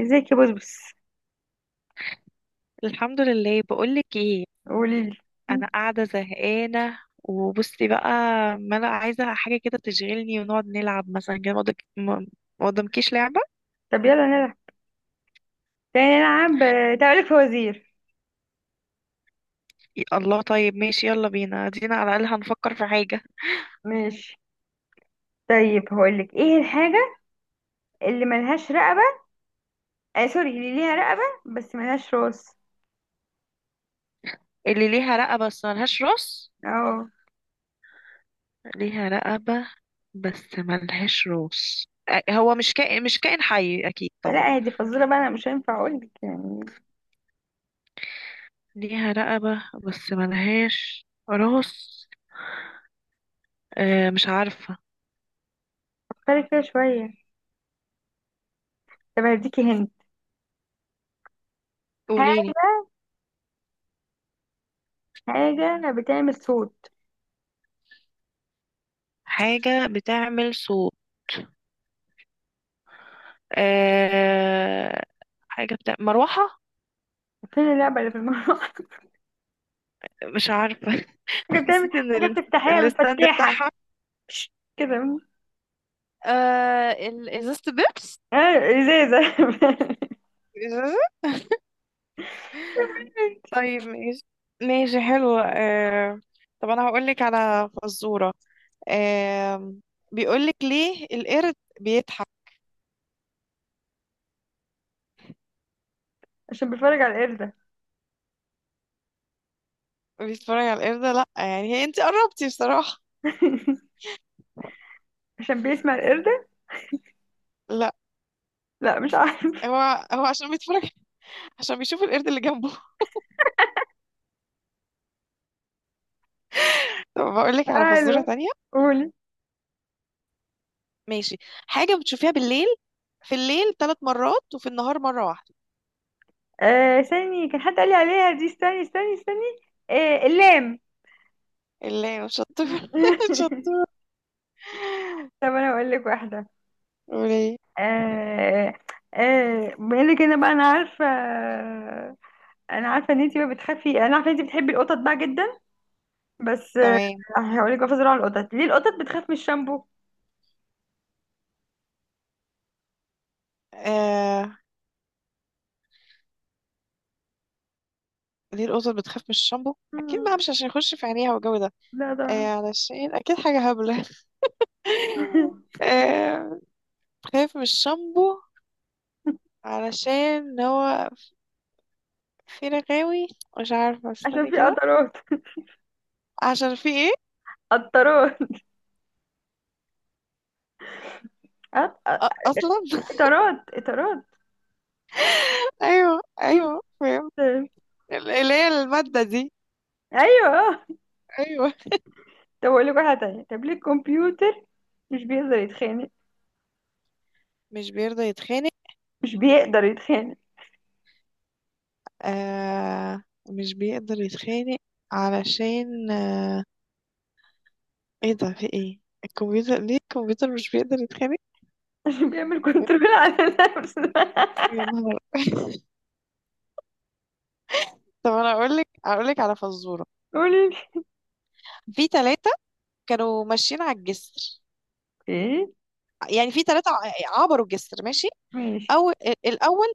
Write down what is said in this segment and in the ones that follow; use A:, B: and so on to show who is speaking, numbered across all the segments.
A: ازيك يا بسبس؟
B: الحمد لله، بقولك ايه.
A: قولي لي.
B: انا قاعده زهقانه وبصي بقى، ما انا عايزه حاجه كده تشغلني ونقعد نلعب مثلا كده. ما قدامكيش لعبه.
A: طب يلا نلعب. تاني نلعب تعالي لك فوازير.
B: الله، طيب ماشي يلا بينا دينا، على الاقل هنفكر في حاجه.
A: ماشي. طيب هقول لك ايه الحاجة اللي ملهاش رقبة؟ آه سوري، اللي ليها رقبة بس ملهاش راس.
B: اللي ليها رقبه بس ملهاش راس.
A: اه.
B: ليها رقبه بس ملهاش راس. هو مش كائن حي اكيد طبعا.
A: لا هي دي فزورة بقى، انا مش هينفع اقول لك يعني.
B: ليها رقبه بس ملهاش راس. مش عارفه.
A: فكري كده شوية. طب هديكي هنت
B: قوليلي.
A: حاجة. حاجة بتعمل صوت.
B: حاجه بتعمل صوت. أه حاجة بتاع مروحة.
A: فين اللعبة اللي في المروحة؟
B: مش عارفة
A: حاجة بتعمل
B: حسيت ان
A: حاجة بتفتحيها
B: الستاند
A: بالفتاحة.
B: بتاعها.
A: كده.
B: ازازة بيبس.
A: اه ازازة.
B: إزازة. طيب ماشي، ماشي حلو طب أنا هقولك على فزورة أه بيقولك ليه القرد بيضحك؟
A: عشان بيتفرج على القردة.
B: بيتفرج على القردة، لأ يعني هي أنت قربتي بصراحة.
A: عشان بيسمع القردة.
B: لأ،
A: لا مش عارف.
B: هو هو عشان بيتفرج، عشان بيشوف القرد اللي جنبه. طب بقولك على فزورة
A: حلوة.
B: تانية.
A: قولي.
B: ماشي. حاجة بتشوفيها بالليل، في الليل 3 مرات وفي النهار مرة واحدة.
A: آه استني، كان حد قال لي عليها دي، استني. آه اللام.
B: اللي شطور شطور.
A: طب انا اقول لك واحدة.
B: وليه.
A: آه. آه بما انك، انا عارفة. انا عارفة ان انتي ما بتخافي، انا عارفة ان انتي بتحبي القطط بقى جدا. بس آه
B: تمام.
A: هقول لك، بفزر على القطط: ليه القطط بتخاف من الشامبو؟
B: آه... ليه القطط بتخاف من الشامبو؟ أكيد بقى
A: مم.
B: مش عشان يخش في عينيها والجو ده.
A: لا طبعا.
B: علشان أكيد حاجة هبلة. آه... بتخاف من الشامبو علشان هو في رغاوي. مش عارفة،
A: عشان
B: استني
A: في
B: كده.
A: قطرات.
B: عشان في ايه.
A: قطرات. قط-
B: أصلا.
A: قطرات قطرات.
B: أيوه أيوه فاهم. اللي هي المادة دي.
A: ايوه اه.
B: أيوه.
A: طب اقول لك واحده تانية. طب ليه الكمبيوتر مش بيقدر يتخانق؟
B: مش بيرضى يتخانق.
A: مش بيقدر يتخانق.
B: آه، مش بيقدر يتخانق. علشان ايه ده، في ايه الكمبيوتر. ليه الكمبيوتر مش بيقدر يتخانق؟
A: عشان بيعمل كنترول على نفسه.
B: يا نهار. طب انا اقول لك على فزوره.
A: قولي لي
B: في ثلاثه كانوا ماشيين على الجسر،
A: ايه.
B: يعني في ثلاثه عبروا الجسر ماشي.
A: ماشي.
B: او الاول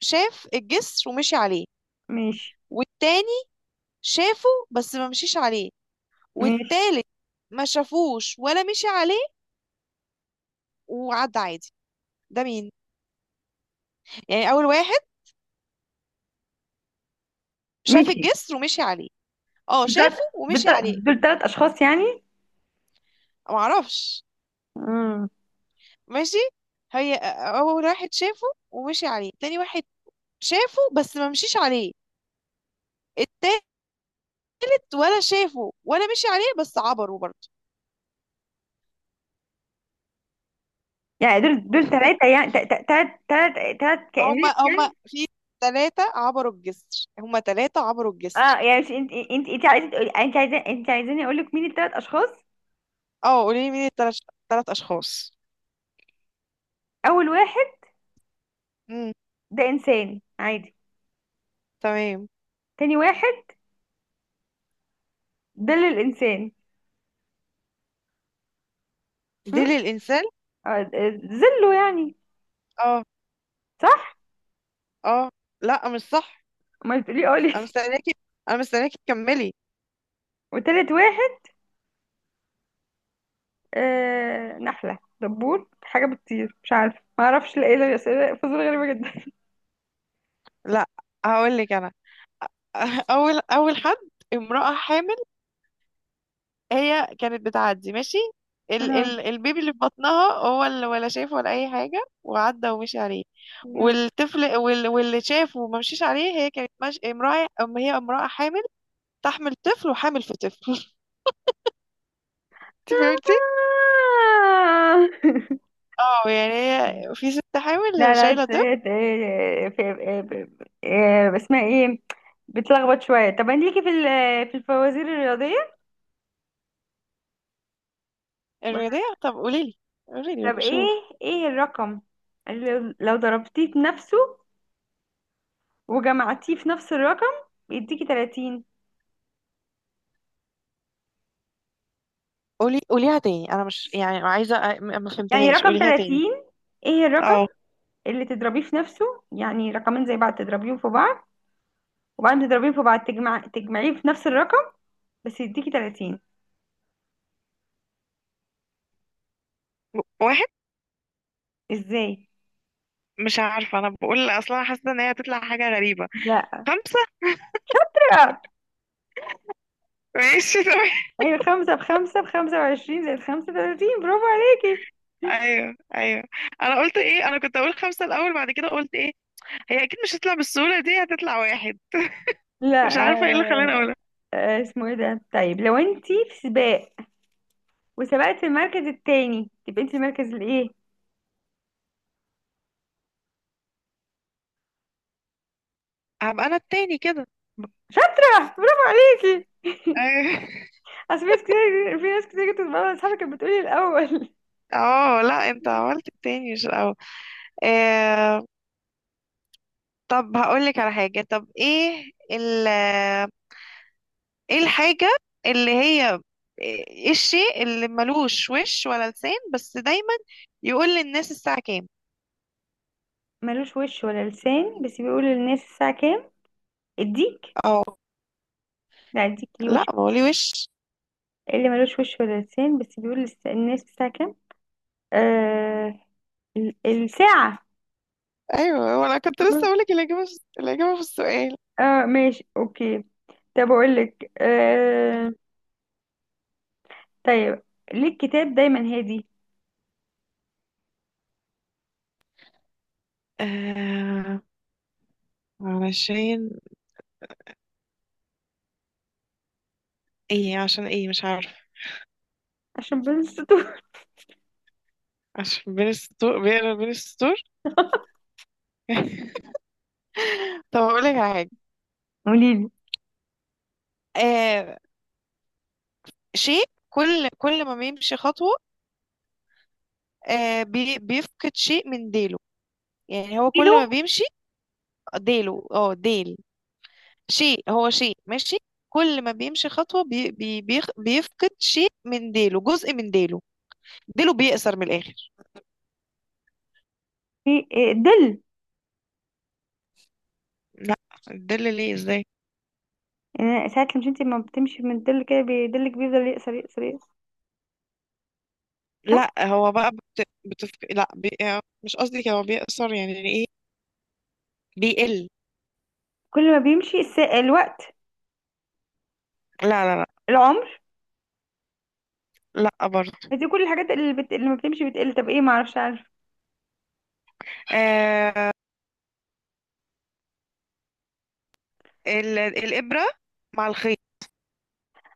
B: شاف الجسر ومشي عليه،
A: ماشي.
B: والتاني شافه بس ما مشيش عليه،
A: ماشي.
B: والتالت ما شافوش ولا مشي عليه وعدى عادي. ده مين؟ يعني اول واحد شاف
A: ماشي.
B: الجسر ومشي عليه. اه شافه
A: دول
B: ومشي
A: تلات،
B: عليه.
A: دول تلات اشخاص يعني.
B: معرفش.
A: امم.
B: ماشي. هي اول واحد شافه ومشي عليه، تاني واحد شافه بس ما مشيش عليه، التالت ولا شافه ولا مشي عليه بس عبروا برضه.
A: يعني دول ثلاثة، يعني ثلاث. ثلاث. ثلاث
B: هما
A: كائنات
B: هما
A: يعني.
B: في ثلاثة عبروا الجسر، هما ثلاثة عبروا الجسر.
A: اه، يعني مش انت عايزه تقولي، انت عايزه، انت عايزاني اقول لك مين الثلاث اشخاص.
B: اه قولي لي مين الثلاث، ثلاث اشخاص.
A: اول واحد
B: امم.
A: ده انسان عادي.
B: تمام.
A: تاني واحد ده للانسان.
B: دي للانسان.
A: زله يعني.
B: اه
A: صح.
B: اه، لا مش صح.
A: ما تقولي، قولي.
B: انا مستنياكي، انا مستنياكي تكملي.
A: وتالت واحد آه نحلة، دبور، حاجة بتطير، مش عارفة، ما اعرفش. لا، ايه ده؟ اسئلة فزورة غريبة جدا.
B: لا هقول لك انا. اول حد امرأة حامل، هي كانت بتعدي ماشي. ال
A: آه.
B: البيبي اللي في بطنها هو اللي ولا شاف ولا اي حاجه وعدى ومشي عليه.
A: آه.
B: والطفل واللي شافه وما مشيش عليه، هي كانت مش... امراه أم هي امراه حامل تحمل طفل وحامل في طفل. انت فهمتي. اه يعني هي في ست
A: لا
B: حامل
A: لا،
B: شايله
A: بس
B: طفل.
A: هي في. اسمها ايه؟ بتلخبط شوية. طب انت ليكي في في الفوازير الرياضية؟
B: الرياضيه، طب قولي لي
A: طب ايه،
B: شوف.
A: ايه الرقم اللي لو ضربتيه في نفسه وجمعتيه في نفس الرقم بيديكي 30؟
B: قوليها تاني. انا مش، يعني عايزه ما
A: يعني
B: فهمتهاش،
A: رقم
B: قوليها تاني.
A: 30، ايه الرقم
B: اه
A: اللي تضربيه في نفسه، يعني رقمين زي بعض تضربيهم في بعض، وبعدين تضربيهم في بعض تجمع تجمعيه في نفس الرقم، بس يديكي 30؟
B: واحد.
A: ازاي.
B: مش عارفه، انا بقول اصلا حاسه ان هي هتطلع حاجه غريبه.
A: لا.
B: خمسه. ماشي تمام.
A: ايوه، خمسة بخمسة بخمسة وعشرين، زائد خمسة وتلاتين. برافو عليكي.
B: ايوه ايوه. انا قلت ايه؟ انا كنت اقول خمسة الاول بعد كده قلت ايه. هي اكيد مش هتطلع بالسهولة دي، هتطلع واحد. مش
A: لا
B: عارفة ايه اللي
A: آه.
B: خلاني اقولها.
A: اسمه ايه ده؟ طيب لو انتي في سباق وسبقت المركز التاني، تبقى انتي المركز الايه؟
B: هبقى انا التاني كده.
A: شاطرة، برافو عليكي.
B: ايوه.
A: اصل في ناس كتير، في ناس كتير كنت بتبقى اصحابي كانت بتقولي الاول.
B: اه لا، انت عملت التاني مش الاول. آه طب هقول لك على حاجة. طب ايه ايه الحاجة اللي هي ايه الشيء اللي ملوش وش ولا لسان بس دايما يقول للناس الساعة كام؟
A: ملوش وش ولا لسان بس بيقول للناس الساعة كام؟ الديك.
B: اه
A: لا الديك ليه
B: لا،
A: وش.
B: ما هو ليه وش.
A: اللي ملوش وش ولا لسان بس بيقول للناس الساعة كام؟ آه الساعة.
B: ايوه وانا كنت
A: آه.
B: لسه اقول لك الاجابة الاجابة في السؤال.
A: اه ماشي اوكي. طب اقول لك آه، طيب ليه الكتاب دايما هادي؟
B: آه علشان ايه، عشان ايه مش عارف.
A: عشان بين السطور.
B: عشان بين السطور، بيقرا بين السطور. طب اقول لك على حاجه.
A: قولي لي.
B: آه شيء كل ما بيمشي خطوه آه بي بيفقد شيء من ديله. يعني هو كل
A: كيلو.
B: ما بيمشي ديله. اه ديل. شيء هو شيء ماشي كل ما بيمشي خطوه بيفقد شيء من ديله، جزء من ديله. ديله بيقصر من الاخر.
A: في دل.
B: لا الدل، ليه ازاي.
A: يعني ساعات مش انت لما بتمشي من الدل كده بيدلك، بيفضل يقصر يقصر يقصر. صح.
B: لا هو بقى لا بي... آه، مش قصدي، هو بيقصر يعني ايه. بيقل.
A: كل ما بيمشي الوقت.
B: لا لا لا.
A: العمر.
B: لا برضه.
A: دي كل الحاجات اللي بت... اللي ما بتمشي بتقل. طب ايه، ما اعرفش.
B: آه الإبرة مع الخيط،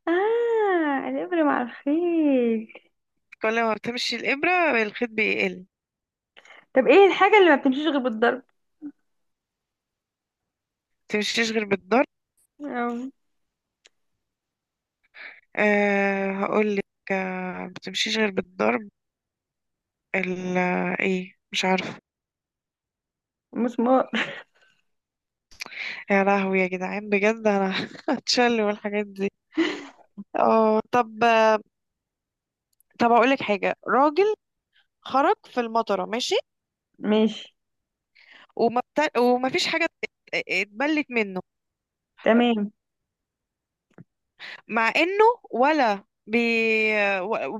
A: اه الابره مع الخيل.
B: كل ما بتمشي الإبرة الخيط بيقل. ما
A: طب ايه الحاجه اللي ما بتمشيش غير بالضرب،
B: بتمشيش غير بالضرب.
A: أو؟
B: هقول لك. ما بتمشيش غير بالضرب. ال... ايه، مش عارفة.
A: مسمار.
B: يا لهوي يا جدعان، بجد انا هتشل والحاجات دي. اه طب. اقول لك حاجة. راجل خرج في المطرة ماشي،
A: ماشي.
B: وما فيش حاجة اتبلت منه،
A: تمام.
B: مع انه ولا بي...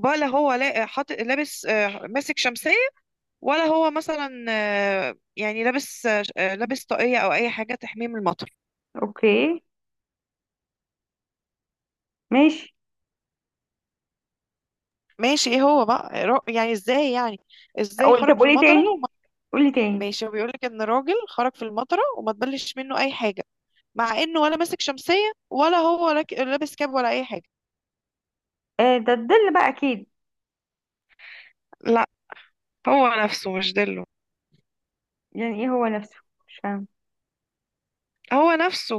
B: ولا هو لا... حاط... لابس، ماسك شمسية. ولا هو مثلا، يعني لابس، لابس طاقية او اي حاجة تحميه من المطر.
A: اوكي. ماشي.
B: ماشي ايه هو بقى يعني ازاي، يعني ازاي
A: قول، طب
B: خرج في
A: قولي
B: المطرة
A: تاني، قولي تاني.
B: ماشي. هو بيقولك ان راجل خرج في المطرة وما تبلش منه اي حاجة، مع انه ولا ماسك شمسية ولا هو لابس كاب ولا اي حاجة.
A: آه ده الظل بقى اكيد.
B: لا هو نفسه مش دله.
A: يعني ايه هو نفسه؟ مش فاهم.
B: هو نفسه.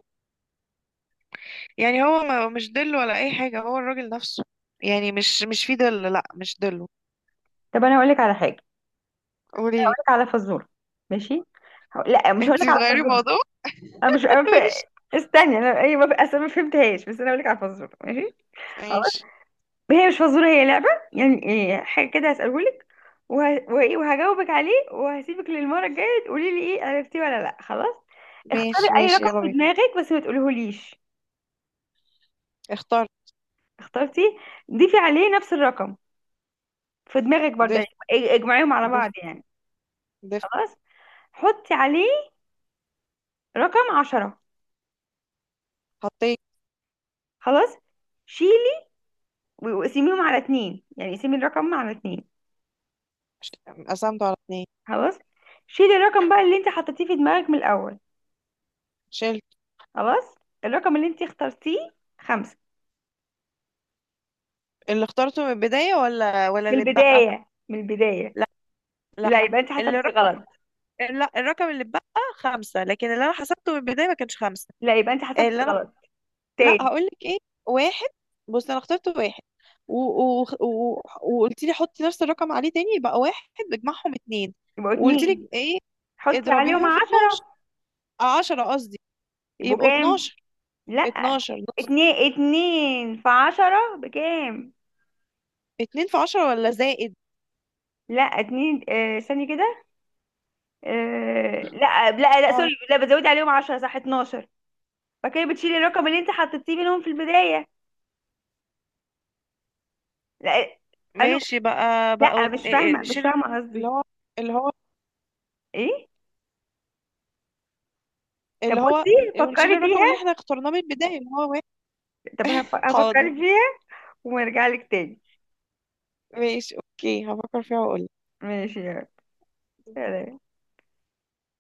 B: يعني هو مش دله ولا اي حاجه، هو الراجل نفسه. يعني مش في دل، لا مش دله.
A: طب انا هقول لك على حاجه، هقول
B: قولي لي.
A: لك على فزوره. ماشي. لا مش هقول
B: انت
A: لك على
B: بتغيري
A: فزوره.
B: الموضوع.
A: انا مش، أنا ف...
B: ماشي.
A: استني انا، ايوه بف... اصل ما فهمتهاش، بس انا هقول لك على فزوره. ماشي.
B: ماشي
A: هي مش فزورة، هي لعبة، يعني إيه حاجة كده هسألهولك، وه... وإيه وهجاوبك عليه، وهسيبك للمرة الجاية تقولي لي إيه، عرفتيه ولا لأ. خلاص اختاري
B: ماشي
A: أي
B: ماشي،
A: رقم
B: يلا
A: في
B: بينا.
A: دماغك، بس ما تقوليهوليش.
B: اخترت.
A: اخترتي؟ ضيفي عليه نفس الرقم في دماغك برضه،
B: دف
A: يعني اجمعيهم على
B: دف
A: بعض يعني.
B: دف.
A: خلاص؟ حطي عليه رقم عشرة.
B: حطيت.
A: خلاص؟ شيلي، وقسميهم على اتنين، يعني قسمي الرقم على اتنين.
B: ش- قسمته على 2.
A: خلاص؟ شيلي الرقم بقى اللي انت حطيتيه في دماغك من الأول.
B: شلت.
A: خلاص. الرقم اللي انت اخترتيه خمسة؟
B: اللي اخترته من البدايه، ولا
A: من
B: اللي اتبقى.
A: البداية، من البداية.
B: لا لا،
A: لا يبقى انت حسبتي
B: الرقم،
A: غلط.
B: لا الرقم اللي اتبقى خمسة، لكن اللي انا حسبته من البداية ما كانش خمسة.
A: لا يبقى انت حسبتي
B: اللي
A: غلط
B: لا
A: تاني.
B: هقول لك ايه. واحد. بص انا اخترت واحد و... وقلت لي حطي نفس الرقم عليه تاني يبقى واحد، بجمعهم اتنين.
A: يبقوا
B: وقلت لك
A: اتنين،
B: ايه،
A: حطي عليهم
B: اضربيهم في 12،
A: عشرة،
B: 10 قصدي.
A: يبقوا
B: يبقوا
A: كام؟
B: 12.
A: لا
B: 12 نص.
A: اتنين، اتنين في عشرة بكام؟
B: 2 في 10 ولا زائد.
A: لا اتنين، آه استني كده، آه لا لا لا
B: اه
A: سوري، لا بتزودي عليهم عشرة، صح، اتناشر. فكده بتشيلي الرقم اللي انت حطيتيه منهم في البداية. لا. الو.
B: ماشي بقى،
A: لا مش
B: إيه،
A: فاهمة، مش
B: نشيل الرقم.
A: فاهمة
B: اللي
A: قصدي
B: هو اللي هو
A: ايه. طب
B: اللي هو.
A: بصي
B: ونشيل
A: فكري
B: الرقم اللي
A: فيها.
B: احنا اخترناه من البداية اللي هو واحد.
A: طب
B: حاضر.
A: هفكري فيها ونرجع لك تاني.
B: ماشي اوكي، هفكر فيها واقول.
A: ماشي. يعني.